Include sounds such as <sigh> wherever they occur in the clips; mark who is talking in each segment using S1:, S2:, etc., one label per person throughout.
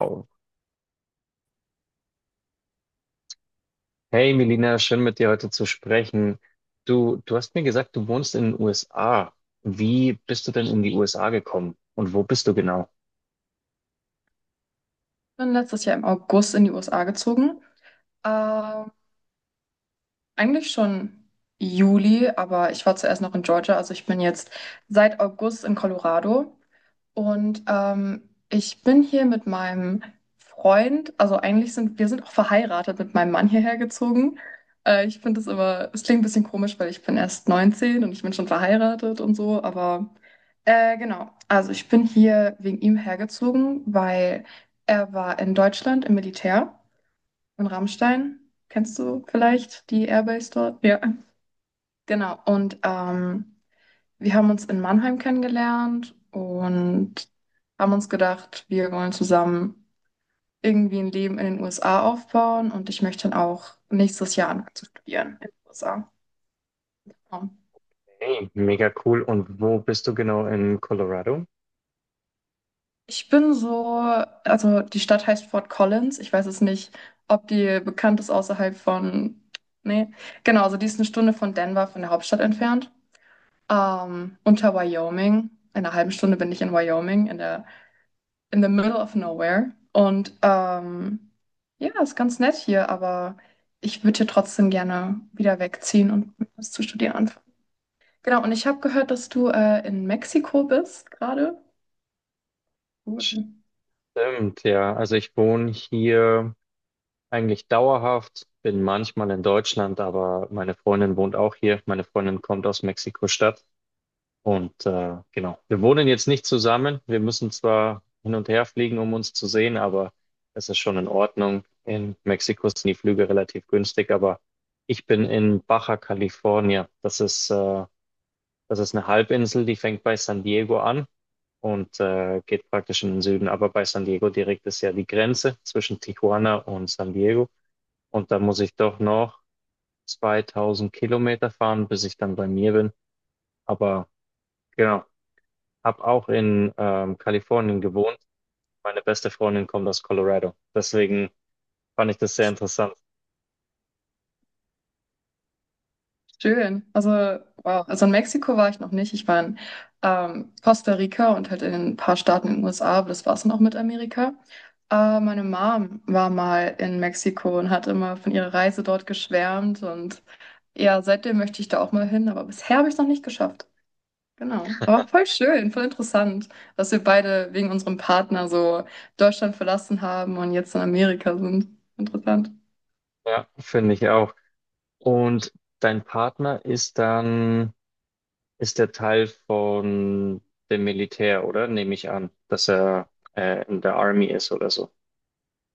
S1: Wow. Hey Melina, schön mit dir heute zu sprechen. Du hast mir gesagt, du wohnst in den USA. Wie bist du denn in die USA gekommen? Und wo bist du genau?
S2: Bin letztes Jahr im August in die USA gezogen. Ähm, Eigentlich schon Juli, aber ich war zuerst noch in Georgia. Also ich bin jetzt seit August in Colorado. Und ich bin hier mit meinem Freund, also eigentlich sind wir sind auch verheiratet, mit meinem Mann hierher gezogen. Ich finde es immer, es klingt ein bisschen komisch, weil ich bin erst 19 und ich bin schon verheiratet und so, aber genau. Also ich bin hier wegen ihm hergezogen, weil er war in Deutschland im Militär, in Rammstein. Kennst du vielleicht die Airbase dort? Ja. Genau. Und wir haben uns in Mannheim kennengelernt und haben uns gedacht, wir wollen zusammen irgendwie ein Leben in den USA aufbauen, und ich möchte dann auch nächstes Jahr anfangen zu studieren in den USA. Ja.
S1: Hey, mega cool. Und wo bist du genau in Colorado?
S2: Ich bin so, also die Stadt heißt Fort Collins. Ich weiß es nicht, ob die bekannt ist außerhalb von. Nee, genau, also die ist eine Stunde von Denver, von der Hauptstadt entfernt. Unter Wyoming. In einer halben Stunde bin ich in Wyoming, in der, in the middle of nowhere. Und ja, ist ganz nett hier, aber ich würde hier trotzdem gerne wieder wegziehen und was zu studieren anfangen. Genau, und ich habe gehört, dass du in Mexiko bist gerade. Cool.
S1: Stimmt, ja. Also ich wohne hier eigentlich dauerhaft, bin manchmal in Deutschland, aber meine Freundin wohnt auch hier. Meine Freundin kommt aus Mexiko-Stadt. Und genau, wir wohnen jetzt nicht zusammen. Wir müssen zwar hin und her fliegen, um uns zu sehen, aber es ist schon in Ordnung. In Mexiko sind die Flüge relativ günstig, aber ich bin in Baja California. Das ist eine Halbinsel, die fängt bei San Diego an und geht praktisch in den Süden. Aber bei San Diego direkt ist ja die Grenze zwischen Tijuana und San Diego. Und da muss ich doch noch 2000 Kilometer fahren, bis ich dann bei mir bin. Aber genau. Hab auch in Kalifornien gewohnt. Meine beste Freundin kommt aus Colorado. Deswegen fand ich das sehr interessant.
S2: Schön. Also, wow. Also in Mexiko war ich noch nicht. Ich war in Costa Rica und halt in ein paar Staaten in den USA, aber das war es dann auch mit Amerika. Meine Mom war mal in Mexiko und hat immer von ihrer Reise dort geschwärmt. Und ja, seitdem möchte ich da auch mal hin, aber bisher habe ich es noch nicht geschafft. Genau. Aber voll schön, voll interessant, dass wir beide wegen unserem Partner so Deutschland verlassen haben und jetzt in Amerika sind. Interessant.
S1: Ja, finde ich auch. Und dein Partner ist dann, ist der Teil von dem Militär, oder? Nehme ich an, dass er in der Army ist oder so.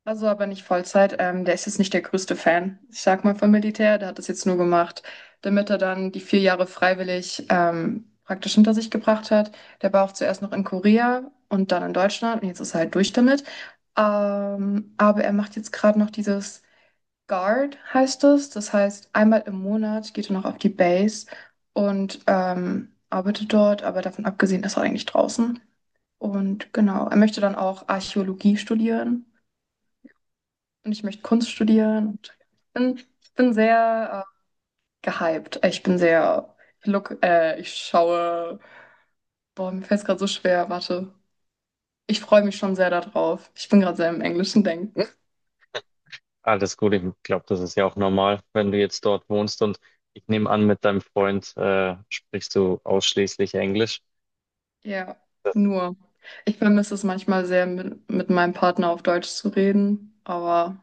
S2: Also aber nicht Vollzeit. Der ist jetzt nicht der größte Fan, ich sag mal, vom Militär. Der hat das jetzt nur gemacht, damit er dann die 4 Jahre freiwillig praktisch hinter sich gebracht hat. Der war auch zuerst noch in Korea und dann in Deutschland und jetzt ist er halt durch damit. Aber er macht jetzt gerade noch dieses Guard, heißt es. Das heißt, 1 Mal im Monat geht er noch auf die Base und arbeitet dort. Aber davon abgesehen ist er eigentlich draußen. Und genau, er möchte dann auch Archäologie studieren und ich möchte Kunst studieren. Und ich bin sehr gehypt. Ich bin sehr, ich, look, ich schaue, boah, mir fällt es gerade so schwer, warte. Ich freue mich schon sehr darauf. Ich bin gerade sehr im englischen Denken.
S1: Alles gut, ich glaube, das ist ja auch normal, wenn du jetzt dort wohnst und ich nehme an, mit deinem Freund sprichst du ausschließlich Englisch.
S2: Ja, nur. Ich vermisse es manchmal sehr, mit meinem Partner auf Deutsch zu reden. Aber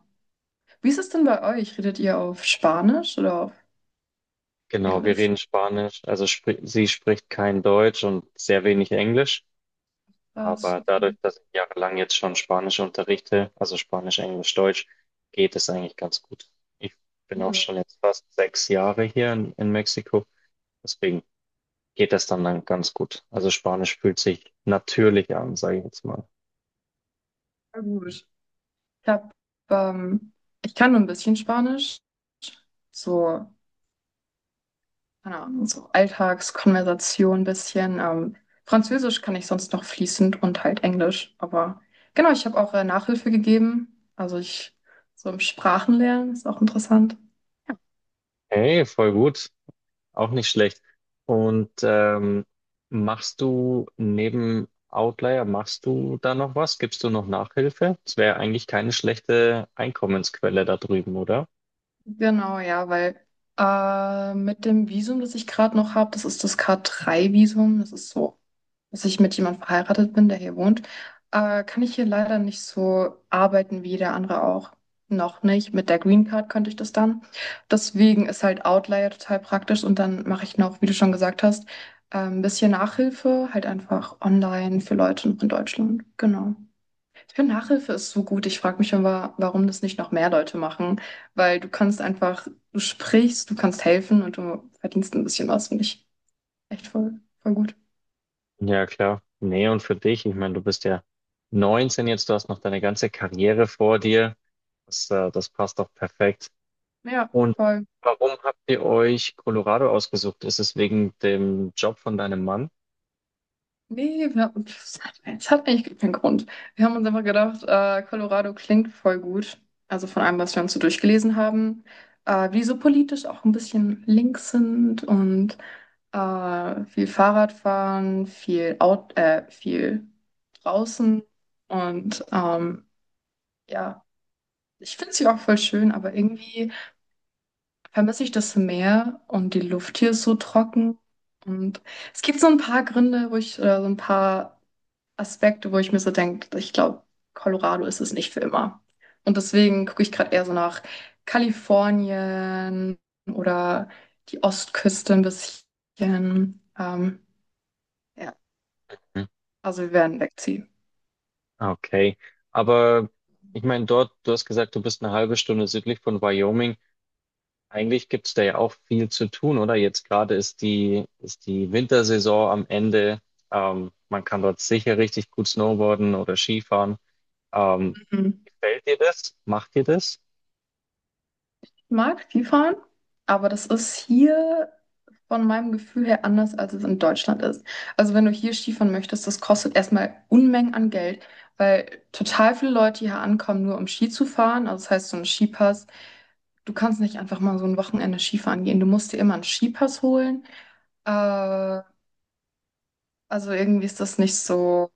S2: wie ist es denn bei euch? Redet ihr auf Spanisch oder auf
S1: Genau, wir
S2: Englisch?
S1: reden Spanisch, also spri sie spricht kein Deutsch und sehr wenig Englisch,
S2: Was?
S1: aber dadurch,
S2: Okay.
S1: dass ich jahrelang jetzt schon Spanisch unterrichte, also Spanisch, Englisch, Deutsch, geht es eigentlich ganz gut. Ich bin auch
S2: Cool.
S1: schon jetzt fast 6 Jahre hier in Mexiko, deswegen geht das dann ganz gut. Also Spanisch fühlt sich natürlich an, sage ich jetzt mal.
S2: Na gut. Ich hab, ähm, Ich kann nur ein bisschen Spanisch. So keine Ahnung, so Alltagskonversation ein bisschen. Französisch kann ich sonst noch fließend und halt Englisch. Aber genau, ich habe auch Nachhilfe gegeben. Also ich so im Sprachenlernen ist auch interessant.
S1: Hey, voll gut. Auch nicht schlecht. Und machst du neben Outlier, machst du da noch was? Gibst du noch Nachhilfe? Das wäre eigentlich keine schlechte Einkommensquelle da drüben, oder?
S2: Genau, ja, weil mit dem Visum, das ich gerade noch habe, das ist das k drei visum. Das ist so, dass ich mit jemandem verheiratet bin, der hier wohnt, kann ich hier leider nicht so arbeiten wie der andere auch. Noch nicht. Mit der Green Card könnte ich das dann. Deswegen ist halt Outlier total praktisch und dann mache ich noch, wie du schon gesagt hast, ein bisschen Nachhilfe, halt einfach online für Leute in Deutschland. Genau. Ich finde, Nachhilfe ist so gut. Ich frage mich immer, warum das nicht noch mehr Leute machen, weil du kannst einfach, du sprichst, du kannst helfen und du verdienst ein bisschen was, finde ich echt voll, voll gut.
S1: Ja, klar. Nee, und für dich, ich meine, du bist ja 19 jetzt, du hast noch deine ganze Karriere vor dir. Das passt doch perfekt.
S2: Ja,
S1: Und
S2: voll.
S1: warum habt ihr euch Colorado ausgesucht? Ist es wegen dem Job von deinem Mann?
S2: Nee, wir, pf, es hat eigentlich keinen Grund. Wir haben uns einfach gedacht, Colorado klingt voll gut. Also von allem, was wir uns so durchgelesen haben, wie die so politisch auch ein bisschen links sind und viel Fahrradfahren, viel viel draußen. Und ja, ich finde sie auch voll schön, aber irgendwie vermisse ich das Meer und die Luft hier ist so trocken. Und es gibt so ein paar Gründe, wo ich, oder so ein paar. Aspekte, wo ich mir so denke, ich glaube, Colorado ist es nicht für immer. Und deswegen gucke ich gerade eher so nach Kalifornien oder die Ostküste ein bisschen. Ja, also wir werden wegziehen.
S1: Ah, okay, aber ich meine, dort, du hast gesagt, du bist eine halbe Stunde südlich von Wyoming. Eigentlich gibt es da ja auch viel zu tun, oder? Jetzt gerade ist die Wintersaison am Ende. Man kann dort sicher richtig gut snowboarden oder Skifahren. Ähm,
S2: Mhm.
S1: Gefällt dir das? Macht dir das?
S2: Ich mag Skifahren, aber das ist hier von meinem Gefühl her anders, als es in Deutschland ist. Also wenn du hier Skifahren möchtest, das kostet erstmal Unmengen an Geld, weil total viele Leute hier ankommen, nur um Ski zu fahren. Also das heißt, so ein Skipass. Du kannst nicht einfach mal so ein Wochenende Skifahren gehen. Du musst dir immer einen Skipass holen. Äh, also irgendwie ist das nicht so.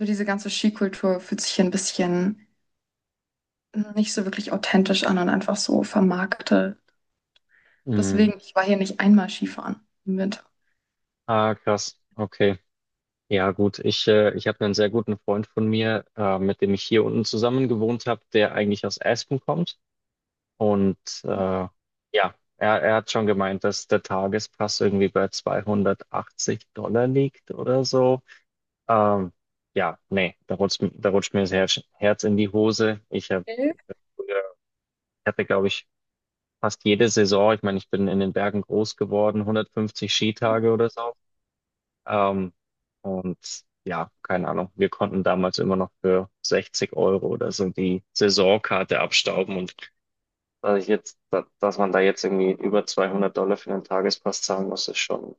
S2: So diese ganze Skikultur fühlt sich hier ein bisschen nicht so wirklich authentisch an und einfach so vermarktet.
S1: Mhm.
S2: Deswegen, ich war hier nicht einmal Skifahren im Winter.
S1: Ah, krass. Okay. Ja, gut. Ich habe einen sehr guten Freund von mir, mit dem ich hier unten zusammen gewohnt habe, der eigentlich aus Aspen kommt. Und äh, ja, er hat schon gemeint, dass der Tagespass irgendwie bei 280$ liegt oder so. Ähm, ja, nee, da rutscht mir das Herz in die Hose. Ich habe,
S2: Okay.
S1: ich hab früher, ich hatte, glaube ich, fast jede Saison, ich meine, ich bin in den Bergen groß geworden, 150 Skitage oder so. Ähm, und ja, keine Ahnung, wir konnten damals immer noch für 60€ oder so die Saisonkarte abstauben und also ich jetzt, dass man da jetzt irgendwie über 200$ für einen Tagespass zahlen muss, ist schon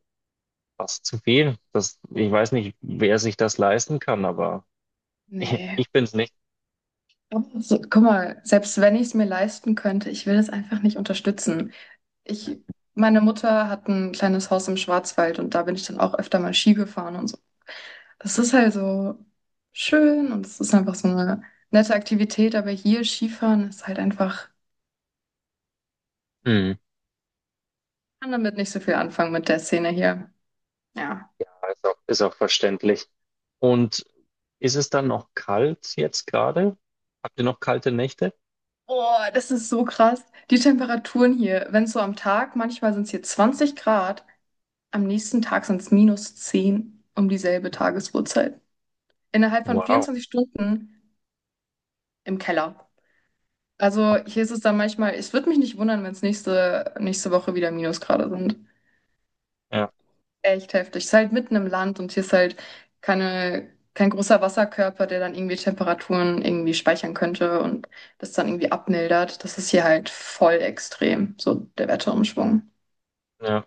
S1: fast zu viel. Das, ich weiß nicht, wer sich das leisten kann, aber <laughs>
S2: Nee.
S1: ich, bin's nicht.
S2: Aber so, guck mal, selbst wenn ich es mir leisten könnte, ich will es einfach nicht unterstützen. Ich, meine Mutter hat ein kleines Haus im Schwarzwald und da bin ich dann auch öfter mal Ski gefahren und so. Das ist halt so schön und es ist einfach so eine nette Aktivität, aber hier Skifahren ist halt einfach,
S1: Mhm.
S2: ich kann damit nicht so viel anfangen mit der Szene hier. Ja.
S1: Ja, ist auch, ist auch verständlich. Und ist es dann noch kalt jetzt gerade? Habt ihr noch kalte Nächte?
S2: Oh, das ist so krass. Die Temperaturen hier, wenn es so am Tag, manchmal sind es hier 20 Grad. Am nächsten Tag sind es -10 um dieselbe Tagesuhrzeit. Innerhalb von
S1: Wow.
S2: 24 Stunden im Keller. Also
S1: Okay.
S2: hier ist es dann manchmal, es würde mich nicht wundern, wenn es nächste Woche wieder Minusgrade sind.
S1: Ja,
S2: Echt heftig. Es ist halt mitten im Land und hier ist halt kein großer Wasserkörper, der dann irgendwie Temperaturen irgendwie speichern könnte und das dann irgendwie abmildert. Das ist hier halt voll extrem, so der Wetterumschwung.
S1: ja.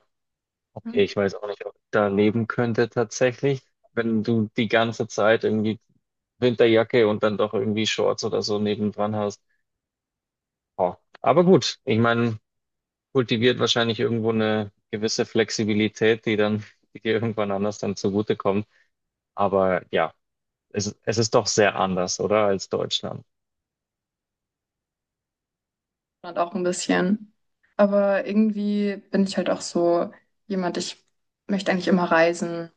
S1: Okay, ich weiß auch nicht, ob ich da leben könnte tatsächlich, wenn du die ganze Zeit irgendwie Winterjacke und dann doch irgendwie Shorts oder so nebendran hast. Ja. Aber gut, ich meine, kultiviert wahrscheinlich irgendwo eine gewisse Flexibilität, die dann, die dir irgendwann anders dann zugutekommt. Aber ja, es ist doch sehr anders, oder, als Deutschland.
S2: Und auch ein bisschen. Aber irgendwie bin ich halt auch so jemand, ich möchte eigentlich immer reisen.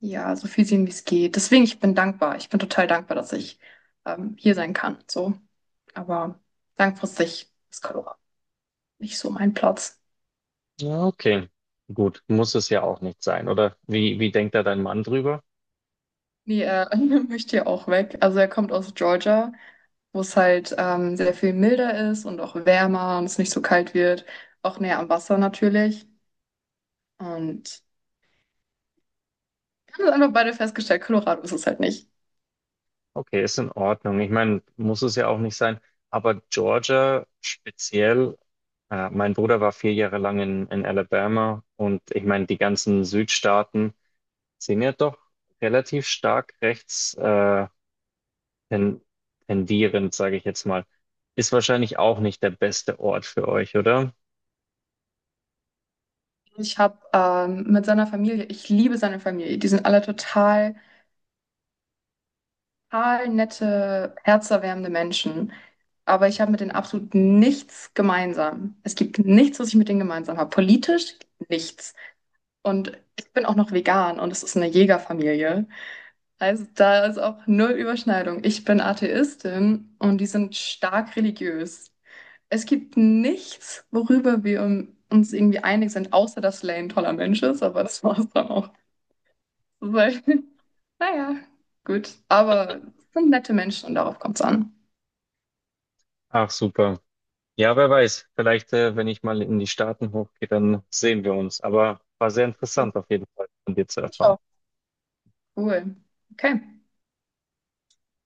S2: Ja, so viel sehen, wie es geht. Deswegen, ich bin dankbar. Ich bin total dankbar, dass ich hier sein kann. So. Aber langfristig ist Colorado nicht so mein Platz.
S1: Ja, okay. Gut, muss es ja auch nicht sein, oder? Wie denkt da dein Mann drüber?
S2: Nee, er <laughs> möchte ja auch weg. Also er kommt aus Georgia, wo es halt sehr viel milder ist und auch wärmer und es nicht so kalt wird. Auch näher am Wasser natürlich. Und wir haben das einfach beide festgestellt, Colorado ist es halt nicht.
S1: Okay, ist in Ordnung. Ich meine, muss es ja auch nicht sein. Aber Georgia speziell, mein Bruder war 4 Jahre lang in Alabama und ich meine, die ganzen Südstaaten sind ja doch relativ stark rechts ten, tendierend, sage ich jetzt mal. Ist wahrscheinlich auch nicht der beste Ort für euch, oder?
S2: Ich habe mit seiner Familie, ich liebe seine Familie. Die sind alle total, total nette, herzerwärmende Menschen. Aber ich habe mit denen absolut nichts gemeinsam. Es gibt nichts, was ich mit denen gemeinsam habe. Politisch nichts. Und ich bin auch noch vegan und es ist eine Jägerfamilie. Also da ist auch null Überschneidung. Ich bin Atheistin und die sind stark religiös. Es gibt nichts, worüber wir uns irgendwie einig sind, außer dass Lane ein toller Mensch ist, aber das war es dann auch. Weil, <laughs> naja, gut. Aber sind nette Menschen und darauf kommt es an.
S1: Ach, super. Ja, wer weiß. Vielleicht, wenn ich mal in die Staaten hochgehe, dann sehen wir uns. Aber war sehr interessant auf jeden Fall von dir zu
S2: Ich
S1: erfahren.
S2: auch. Cool. Okay.